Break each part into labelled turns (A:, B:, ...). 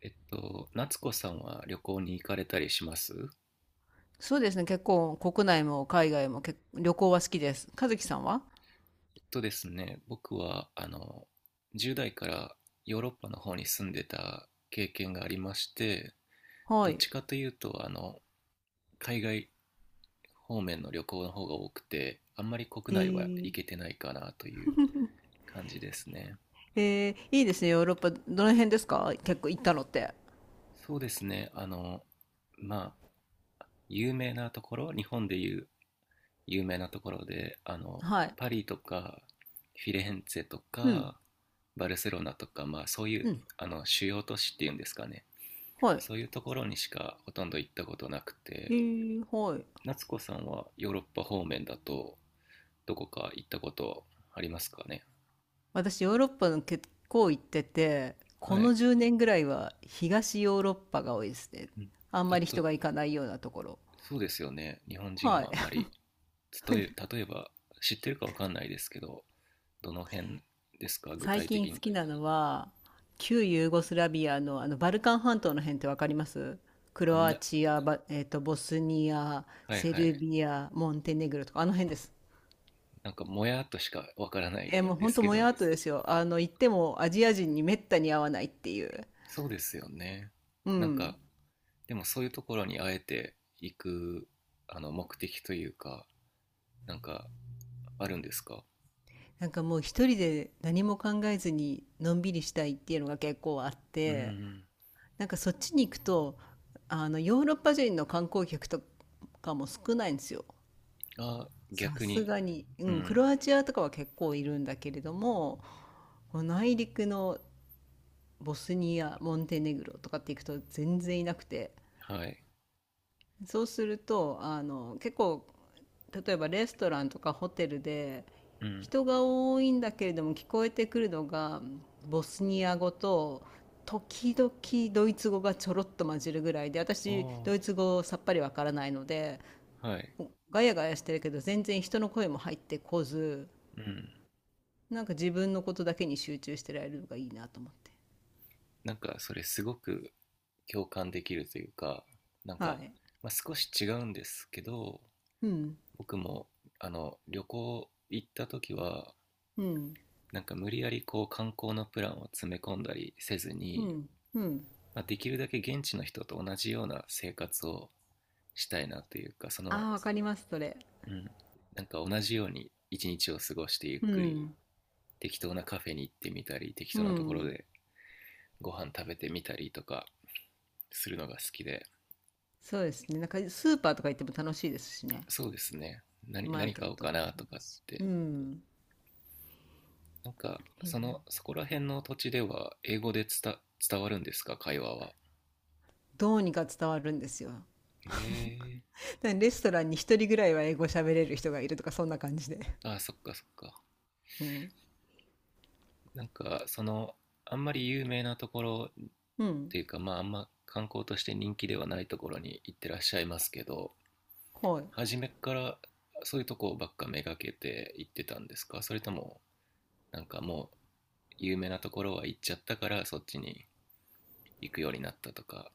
A: 夏子さんは旅行に行かれたりします？
B: そうですね、結構国内も海外も旅行は好きです。和樹さんは？
A: えっとですね、僕は、10代からヨーロッパの方に住んでた経験がありまして、ど
B: は
A: っち
B: い。
A: かというと、海外方面の旅行の方が多くて、あんまり国
B: え
A: 内は
B: ー、
A: 行けてないかなという感じですね。
B: えいいですね、ヨーロッパ。どの辺ですか？結構行ったのって。
A: そうですね、まあ、有名なところ、日本でいう有名なところで
B: はい。
A: パリとかフィレンツェと
B: うん。
A: かバルセロナとか、まあ、そういう
B: うん。
A: 主要都市っていうんですかね。
B: はい。
A: そういうところにしかほとんど行ったことなくて、
B: はい。
A: 夏子さんはヨーロッパ方面だとどこか行ったことありますかね？
B: 私、ヨーロッパの結構行ってて、
A: は
B: この
A: い、
B: 10年ぐらいは東ヨーロッパが多いですね。
A: うん。
B: あん
A: た
B: まり
A: と
B: 人が行かないようなところ。
A: そうですよね、日本人
B: はい。
A: はあんまり。例えば知ってるかわかんないですけど、どの辺ですか具
B: 最
A: 体
B: 近
A: 的
B: 好
A: に？
B: きなのは、旧ユーゴスラビアの、あのバルカン半島の辺ってわかります？ク
A: あ
B: ロ
A: ん
B: ア
A: な、
B: チア、バえっと、ボスニア、
A: はい
B: セ
A: は
B: ル
A: い。
B: ビア、モンテネグロとか、あの辺です。
A: なんかもやっとしかわからない
B: もう
A: で
B: ほん
A: す
B: と
A: け
B: もや
A: ど、
B: っとですよ。あの、行ってもアジア人にめったに会わないっていう。
A: そうですよね。
B: う
A: なん
B: ん。
A: か、でもそういうところにあえて行く、目的というか、なんか、あるんですか？
B: なんかもう一人で何も考えずにのんびりしたいっていうのが結構あっ
A: う
B: て、
A: ん。
B: なんかそっちに行くと、ヨーロッパ人の観光客とかも少ないんですよ。
A: あ、
B: さ
A: 逆
B: す
A: に。
B: がに、う
A: う
B: ん、ク
A: ん。
B: ロアチアとかは結構いるんだけれども、こう内陸のボスニア、モンテネグロとかって行くと全然いなくて、
A: はい。
B: そうすると、結構、例えばレストランとかホテルで、
A: うん。
B: 人が多いんだけれども聞こえてくるのが、ボスニア語と、時々ドイツ語がちょろっと混じるぐらいで、私、
A: あ
B: ドイツ語さっぱりわからないので、
A: あ、はい。
B: ガヤガヤしてるけど全然人の声も入ってこず、
A: うん。
B: なんか自分のことだけに集中してられるのがいいなと思って。
A: なんか、それすごく共感できるというか、なん
B: は
A: か、
B: い。
A: まあ、少し違うんですけど、
B: うん。
A: 僕も、旅行行った時は、
B: うん。
A: なんか無理やりこう観光のプランを詰め込んだりせず
B: う
A: に、
B: ん。うん。
A: まあ、できるだけ現地の人と同じような生活をしたいなというかその、
B: ああ、わかります、それ。
A: うん、なんか同じように一日を過ごしてゆっ
B: う
A: くり
B: ん。
A: 適当なカフェに行ってみたり適
B: う
A: 当なところ
B: ん。
A: でご飯食べてみたりとかするのが好きで。
B: そうですね。なんかスーパーとか行っても楽しいですしね。
A: そうですね、
B: マー
A: 何
B: ケ
A: 買
B: ッ
A: おう
B: トも
A: かな
B: そ
A: と
B: う
A: か
B: だ
A: っ
B: し。う
A: て。
B: ん。
A: なんかその、そこら辺の土地では英語で伝わるんですか会話は？
B: どうにか伝わるんですよ。
A: へえ。
B: でレストランに一人ぐらいは英語喋れる人がいるとか、そんな感じで。
A: ああ、そっかそっか。
B: うん。
A: なんかその、あんまり有名なところっ
B: うん。
A: ていうか、まああんま観光として人気ではないところに行ってらっしゃいますけど、
B: はい。
A: 初めからそういうとこばっかめがけて行ってたんですか？それともなんかもう有名なところは行っちゃったからそっちに行くようになったとか？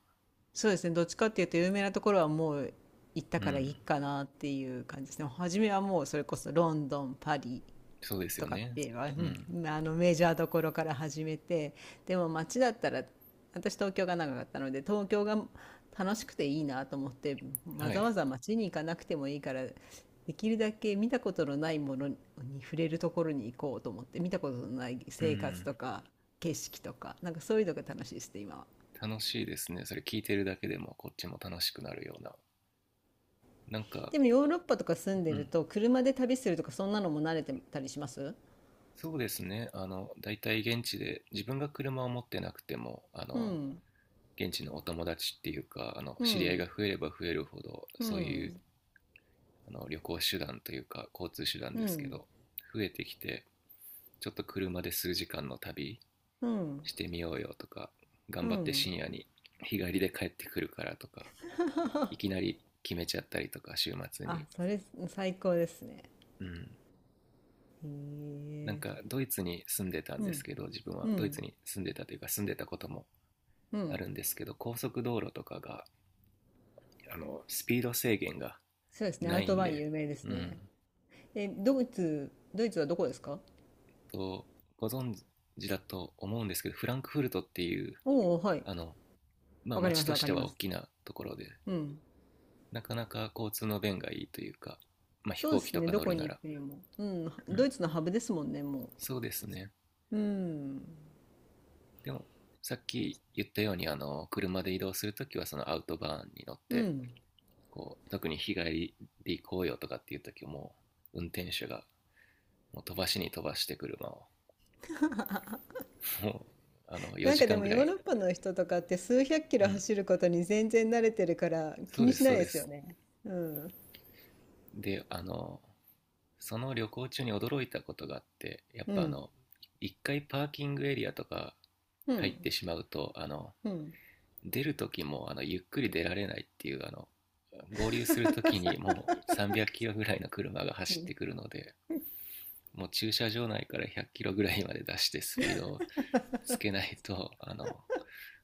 B: そうですね。どっちかっていうと、有名なところはもう行った
A: う
B: からいい
A: ん、
B: かなっていう感じですね。初めはもうそれこそロンドン、パリ、
A: そうです
B: と
A: よ
B: かっ
A: ね。
B: ていうのは
A: うん。
B: うん、メジャーどころから始めて、でも街だったら、私東京が長かったので東京が楽しくていいなと思って、わ
A: は
B: ざわ
A: い。
B: ざ街に行かなくてもいいから、できるだけ見たことのないものに触れるところに行こうと思って、見たことのない
A: う
B: 生活
A: ん。
B: とか景色とか、なんかそういうのが楽しいですね今は。
A: 楽しいですね、それ聞いてるだけでもこっちも楽しくなるような。なんか、
B: でもヨーロッパとか住んで
A: う
B: る
A: ん、
B: と車で旅するとか、そんなのも慣れてたりします？
A: そうですね。大体現地で、自分が車を持ってなくても、
B: うん。
A: 現地のお友達っていうか、
B: う
A: 知り合い
B: ん。
A: が増えれば増えるほど、
B: う
A: そういう、
B: ん。
A: 旅行手段というか、交通手段
B: う
A: ですけ
B: ん。
A: ど、増えてきて、ちょっと車で数時間の旅
B: うん。
A: してみようよとか、
B: う
A: 頑張って
B: ん。
A: 深夜に日帰りで帰ってくるからとか、いき なり決めちゃったりとか、週末に。
B: あ、それ最高ですね。
A: うん。
B: へ
A: なんか、
B: え。
A: ドイツに住んでたん
B: う
A: です
B: ん。
A: けど、自分
B: う
A: はドイツ
B: ん。
A: に住んでたというか、住んでたことも
B: う
A: あ
B: ん。
A: るんですけど、高速道路とかが、スピード制限が
B: そうですね。ア
A: な
B: ウ
A: い
B: ト
A: ん
B: バイン
A: で。
B: 有名です
A: うん。
B: ね。え、ドイツはどこですか？
A: と、ご存知だと思うんですけど、フランクフルトっていう、
B: おおー、はい。
A: あの、まあ
B: わかり
A: 街
B: ます、
A: と
B: わ
A: し
B: か
A: て
B: り
A: は
B: ま
A: 大き
B: す。
A: なところで、
B: うん。
A: なかなか交通の便がいいというか、まあ飛
B: そうで
A: 行機
B: す
A: と
B: ね。
A: か
B: ど
A: 乗
B: こ
A: るな
B: に行
A: ら。
B: くにも。うん。
A: う
B: ド
A: ん。
B: イツのハブですもんね、も
A: そうですね。
B: う。うん。
A: でも、さっき言ったように、車で移動するときはそのアウトバーンに乗っ
B: う
A: て、
B: ん。
A: こう、特に日帰りで行こうよとかっていうときも、運転手がもう飛ばしに飛ばして車をも、
B: なん
A: 4
B: か
A: 時
B: で
A: 間
B: も
A: ぐら
B: ヨー
A: い。
B: ロッパの人とかって数百キ
A: う
B: ロ
A: ん。
B: 走ることに全然慣れてるから
A: そ
B: 気
A: う
B: に
A: で
B: し
A: す、
B: な
A: そう
B: いで
A: で
B: すよ
A: す。
B: ね。うん。
A: で、その旅行中に驚いたことがあって、やっ
B: う
A: ぱあ
B: ん。
A: の、一回パーキングエリアとか
B: う
A: 入っ
B: ん。
A: てしまうと、
B: うん。
A: 出る時も、ゆっくり出られないっていう、合流する時にもう 300キロぐらいの車が走ってくるので、もう駐車場内から100キロぐらいまで出してスピードをつけないと、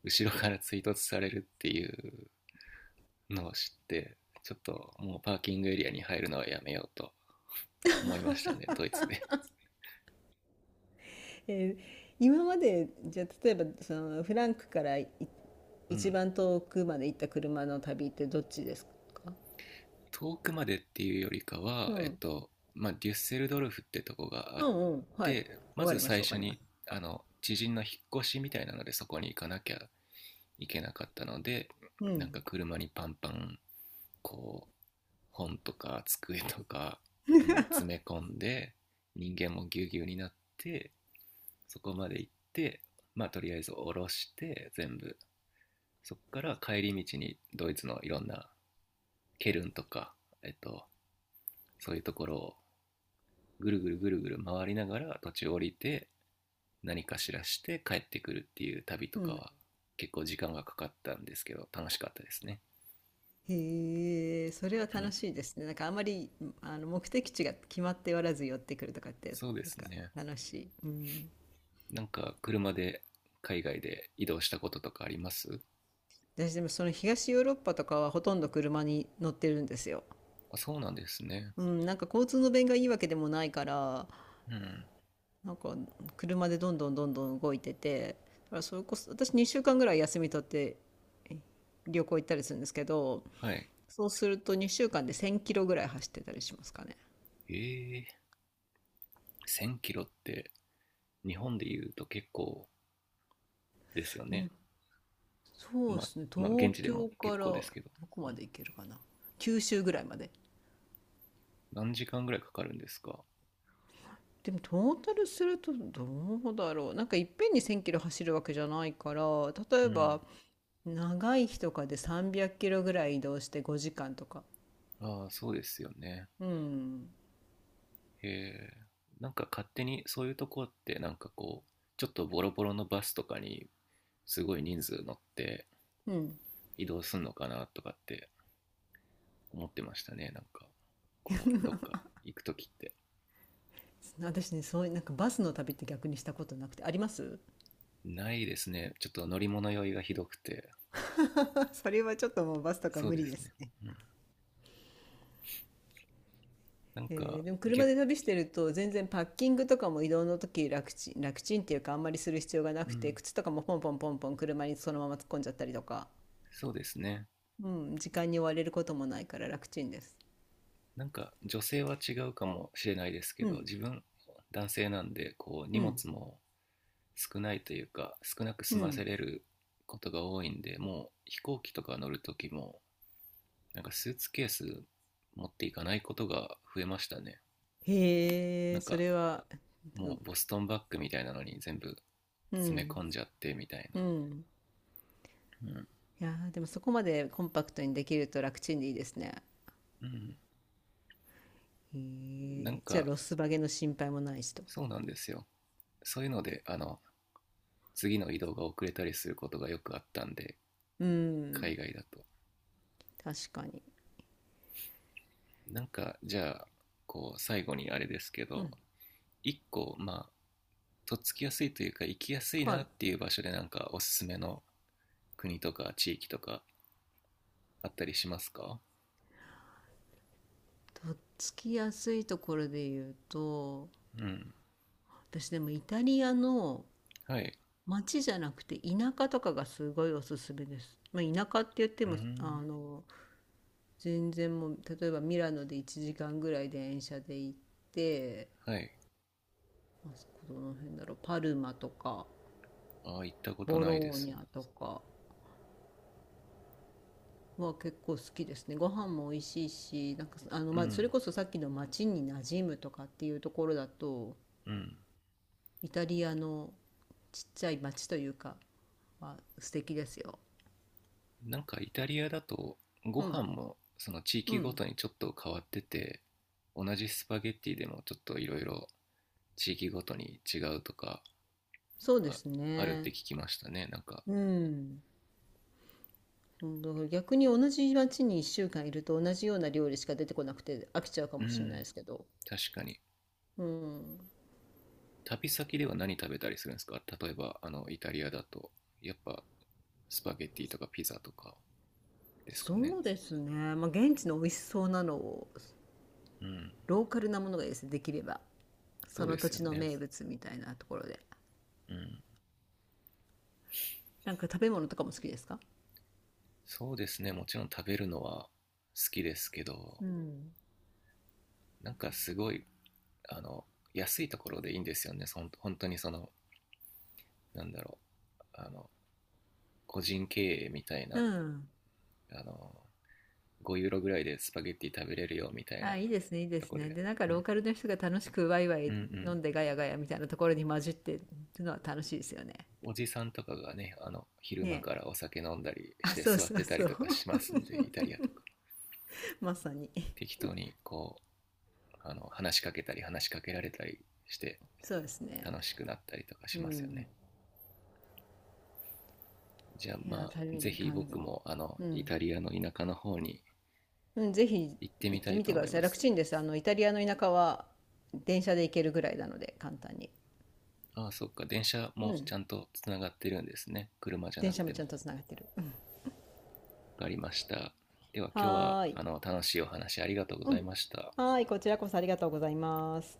A: 後ろから追突されるっていうのを知って、ちょっともうパーキングエリアに入るのはやめようと思いましたねドイツで。
B: 今までじゃあ例えばそのフランクから
A: う
B: 一
A: ん。
B: 番遠くまで行った車の旅ってどっちですか？
A: 遠くまでっていうよりか
B: う
A: は
B: ん。
A: まあデュッセルドルフってとこがあ
B: う
A: っ
B: んうん。はい。
A: て、ま
B: わか
A: ず
B: ります
A: 最
B: わか
A: 初
B: ります。
A: にあの知人の引っ越しみたいなのでそこに行かなきゃいけなかったので、
B: う
A: なんか
B: ん。
A: 車にパンパンこう本とか机とかもう詰め込んで、人間もぎゅうぎゅうになってそこまで行って、まあとりあえず下ろして全部、そっから帰り道にドイツのいろんなケルンとか、えっと、そういうところをぐるぐるぐるぐる回りながら途中降りて何かしらして帰ってくるっていう旅と
B: う
A: か
B: ん。
A: は結構時間がかかったんですけど楽しかったですね。
B: へえ、それは
A: う
B: 楽
A: ん、
B: しいですね。なんかあまり目的地が決まっておらず寄ってくるとかって、
A: そうで
B: なん
A: す
B: か
A: ね。
B: 楽しい。うん。
A: なんか車で海外で移動したこととかあります？
B: 私でもその東ヨーロッパとかはほとんど車に乗ってるんですよ。
A: あ、そうなんですね。
B: うん、なんか交通の便がいいわけでもないから、
A: うん。
B: なんか車でどんどんどんどん動いてて、だからそれこそ私2週間ぐらい休み取ってえ旅行行ったりするんですけど、
A: はい。
B: そうすると2週間で1,000キロぐらい走ってたりしますかね。
A: えー、1000キロって日本で言うと結構ですよね。
B: にそう
A: ま
B: で
A: あ、
B: すね、
A: まあ
B: 東
A: 現地で
B: 京
A: も
B: か
A: 結
B: ら
A: 構で
B: ど
A: すけど。
B: こ
A: う
B: ま
A: ん、
B: で行けるかな、九州ぐらいまで。
A: 何時間ぐらいかかるんですか？
B: でもトータルするとどうだろう、なんかいっぺんに1,000キロ走るわけじゃないから、例
A: う
B: え
A: ん。
B: ば長い日とかで300キロぐらい移動して5時間とか。
A: ああ、そうですよね。
B: うん、
A: へえ。なんか勝手にそういうとこってなんかこう、ちょっとボロボロのバスとかにすごい人数乗って
B: うん。
A: 移動すんのかなとかって思ってましたね。なんか、こう、どっか行くときって。
B: 私ね、そういうなんかバスの旅って逆にしたことなくて、あります？
A: ないですね。ちょっと乗り物酔いがひどくて。
B: それはちょっともうバスとか
A: そう
B: 無
A: で
B: 理
A: す
B: です
A: ね。
B: ね。
A: うん。なんか。
B: でも車
A: 逆、
B: で旅してると全然パッキングとかも移動の時楽ちん楽ちんっていうか、あんまりする必要がな
A: う
B: くて
A: ん、
B: 靴とかもポンポンポンポン車にそのまま突っ込んじゃったりとか、
A: そうですね。
B: うん、時間に追われることもないから楽ちんです。
A: なんか女性は違うかもしれないですけ
B: う
A: ど、
B: ん。
A: 自分、男性なんで、こう、荷
B: うん。
A: 物も少ないというか少なく
B: う
A: 済ませ
B: ん。
A: れることが多いんで、もう飛行機とか乗る時もなんかスーツケース持っていかないことが増えましたね。
B: へ
A: な
B: え、
A: ん
B: そ
A: か
B: れは。う
A: もう
B: ん。
A: ボストンバッグみたいなのに全部
B: う
A: 詰め
B: ん。
A: 込んじゃってみたい
B: う
A: な。
B: ん。いやー、でもそこまでコンパクトにできると楽ちんでいいですね。
A: うん、うん。
B: へ
A: なん
B: え、じゃあ
A: か、
B: ロスバゲの心配もないしと。
A: そうなんですよ。そういうので次の移動が遅れたりすることがよくあったんで
B: う
A: 海
B: ん、
A: 外だと。
B: 確かに。
A: なんか、じゃあこう最後にあれですけ
B: う
A: ど、
B: ん、
A: 1個まあとっつきやすいというか行きやすい
B: は
A: な
B: い。
A: っていう場所でなんかおすすめの国とか地域とかあったりしますか？
B: とっつきやすいところで言うと、
A: うん。
B: 私でもイタリアの
A: はい。
B: 街じゃなくて田舎とかがすごいおすすめです。まあ、田舎って言って
A: うー
B: も、
A: ん。
B: 全然もう、例えばミラノで1時間ぐらい電車で行って、
A: はい。
B: まあそこどの辺だろう、パルマとか、
A: ああ、行ったこと
B: ボ
A: ないで
B: ロー
A: す。
B: ニャとか、は結構好きですね。ご飯も美味しいし、なんか
A: う
B: まあ、それ
A: ん。
B: こそさっきの町に馴染むとかっていうところだと、
A: うん。
B: イタリアのちっちゃい町というかは素敵ですよ。
A: なんかイタリアだとご
B: う
A: 飯
B: ん。
A: もその地
B: う
A: 域ご
B: ん。
A: とにちょっと変わってて、同じスパゲッティでもちょっといろいろ地域ごとに違うとか
B: そうで
A: あ
B: す
A: あるって
B: ね。
A: 聞きましたね、なんか。
B: うん。うん。だから逆に同じ町に1週間いると同じような料理しか出てこなくて飽きちゃうか
A: う
B: もしれないで
A: ん、
B: すけど。
A: 確かに。
B: うん、
A: 旅先では何食べたりするんですか例えば、イタリアだと、やっぱ、スパゲッティとかピザとかですか
B: そ
A: ね。
B: うですね、まあ、現地の美味しそうなのを、
A: うん。
B: ローカルなものがいいですねできれば、そ
A: そう
B: の
A: で
B: 土
A: すよ
B: 地の
A: ね。
B: 名物みたいなところで。
A: うん。
B: なんか食べ物とかも好きですか？
A: そうですね。もちろん食べるのは好きですけど、
B: うん。
A: なんかすごい、あの、安いところでいいんですよね。本当にその、なんだろう、あの、個人経営みたい
B: う
A: な、
B: ん。
A: あの、5ユーロぐらいでスパゲッティ食べれるよみたいな
B: あ、いいですね、いいで
A: と
B: す
A: こ
B: ね。
A: で。
B: で、なんか
A: う
B: ロー
A: ん。
B: カルの人が楽しくワイワ
A: うん
B: イ
A: う
B: 飲
A: ん。
B: んでガヤガヤみたいなところに混じってるのは楽しいですよね。
A: おじさんとかがね、昼
B: ね
A: 間
B: え。
A: からお酒飲んだりし
B: あ、
A: て
B: そう
A: 座っ
B: そう
A: てた
B: そ
A: り
B: う。
A: とかしますんで、イ タリアとか。
B: まさに。
A: 適当にこう、話しかけたり話しかけられたりして
B: そうですね。
A: 楽しくなったりとか
B: う
A: しますよ
B: ん。
A: ね。じゃあ
B: いや
A: ま
B: ー、
A: あ、
B: 旅
A: ぜ
B: に
A: ひ
B: 感じ。
A: 僕も
B: う
A: イ
B: ん。
A: タリアの田舎の方に
B: うん、ぜひ
A: 行ってみ
B: 行っ
A: た
B: て
A: い
B: み
A: と
B: てく
A: 思
B: だ
A: い
B: さい。
A: ま
B: 楽
A: す。
B: ちんです。イタリアの田舎は電車で行けるぐらいなので、簡単に。
A: ああ、そっか、電車
B: う
A: もち
B: ん。
A: ゃんとつながってるんですね。車じゃ
B: 電
A: なく
B: 車も
A: て
B: ちゃ
A: も。
B: んとつながってる。
A: わかりました。では今日は
B: はーい。
A: 楽しいお話ありがとうご
B: う
A: ざい
B: ん。
A: ました。
B: はーい、こちらこそありがとうございます。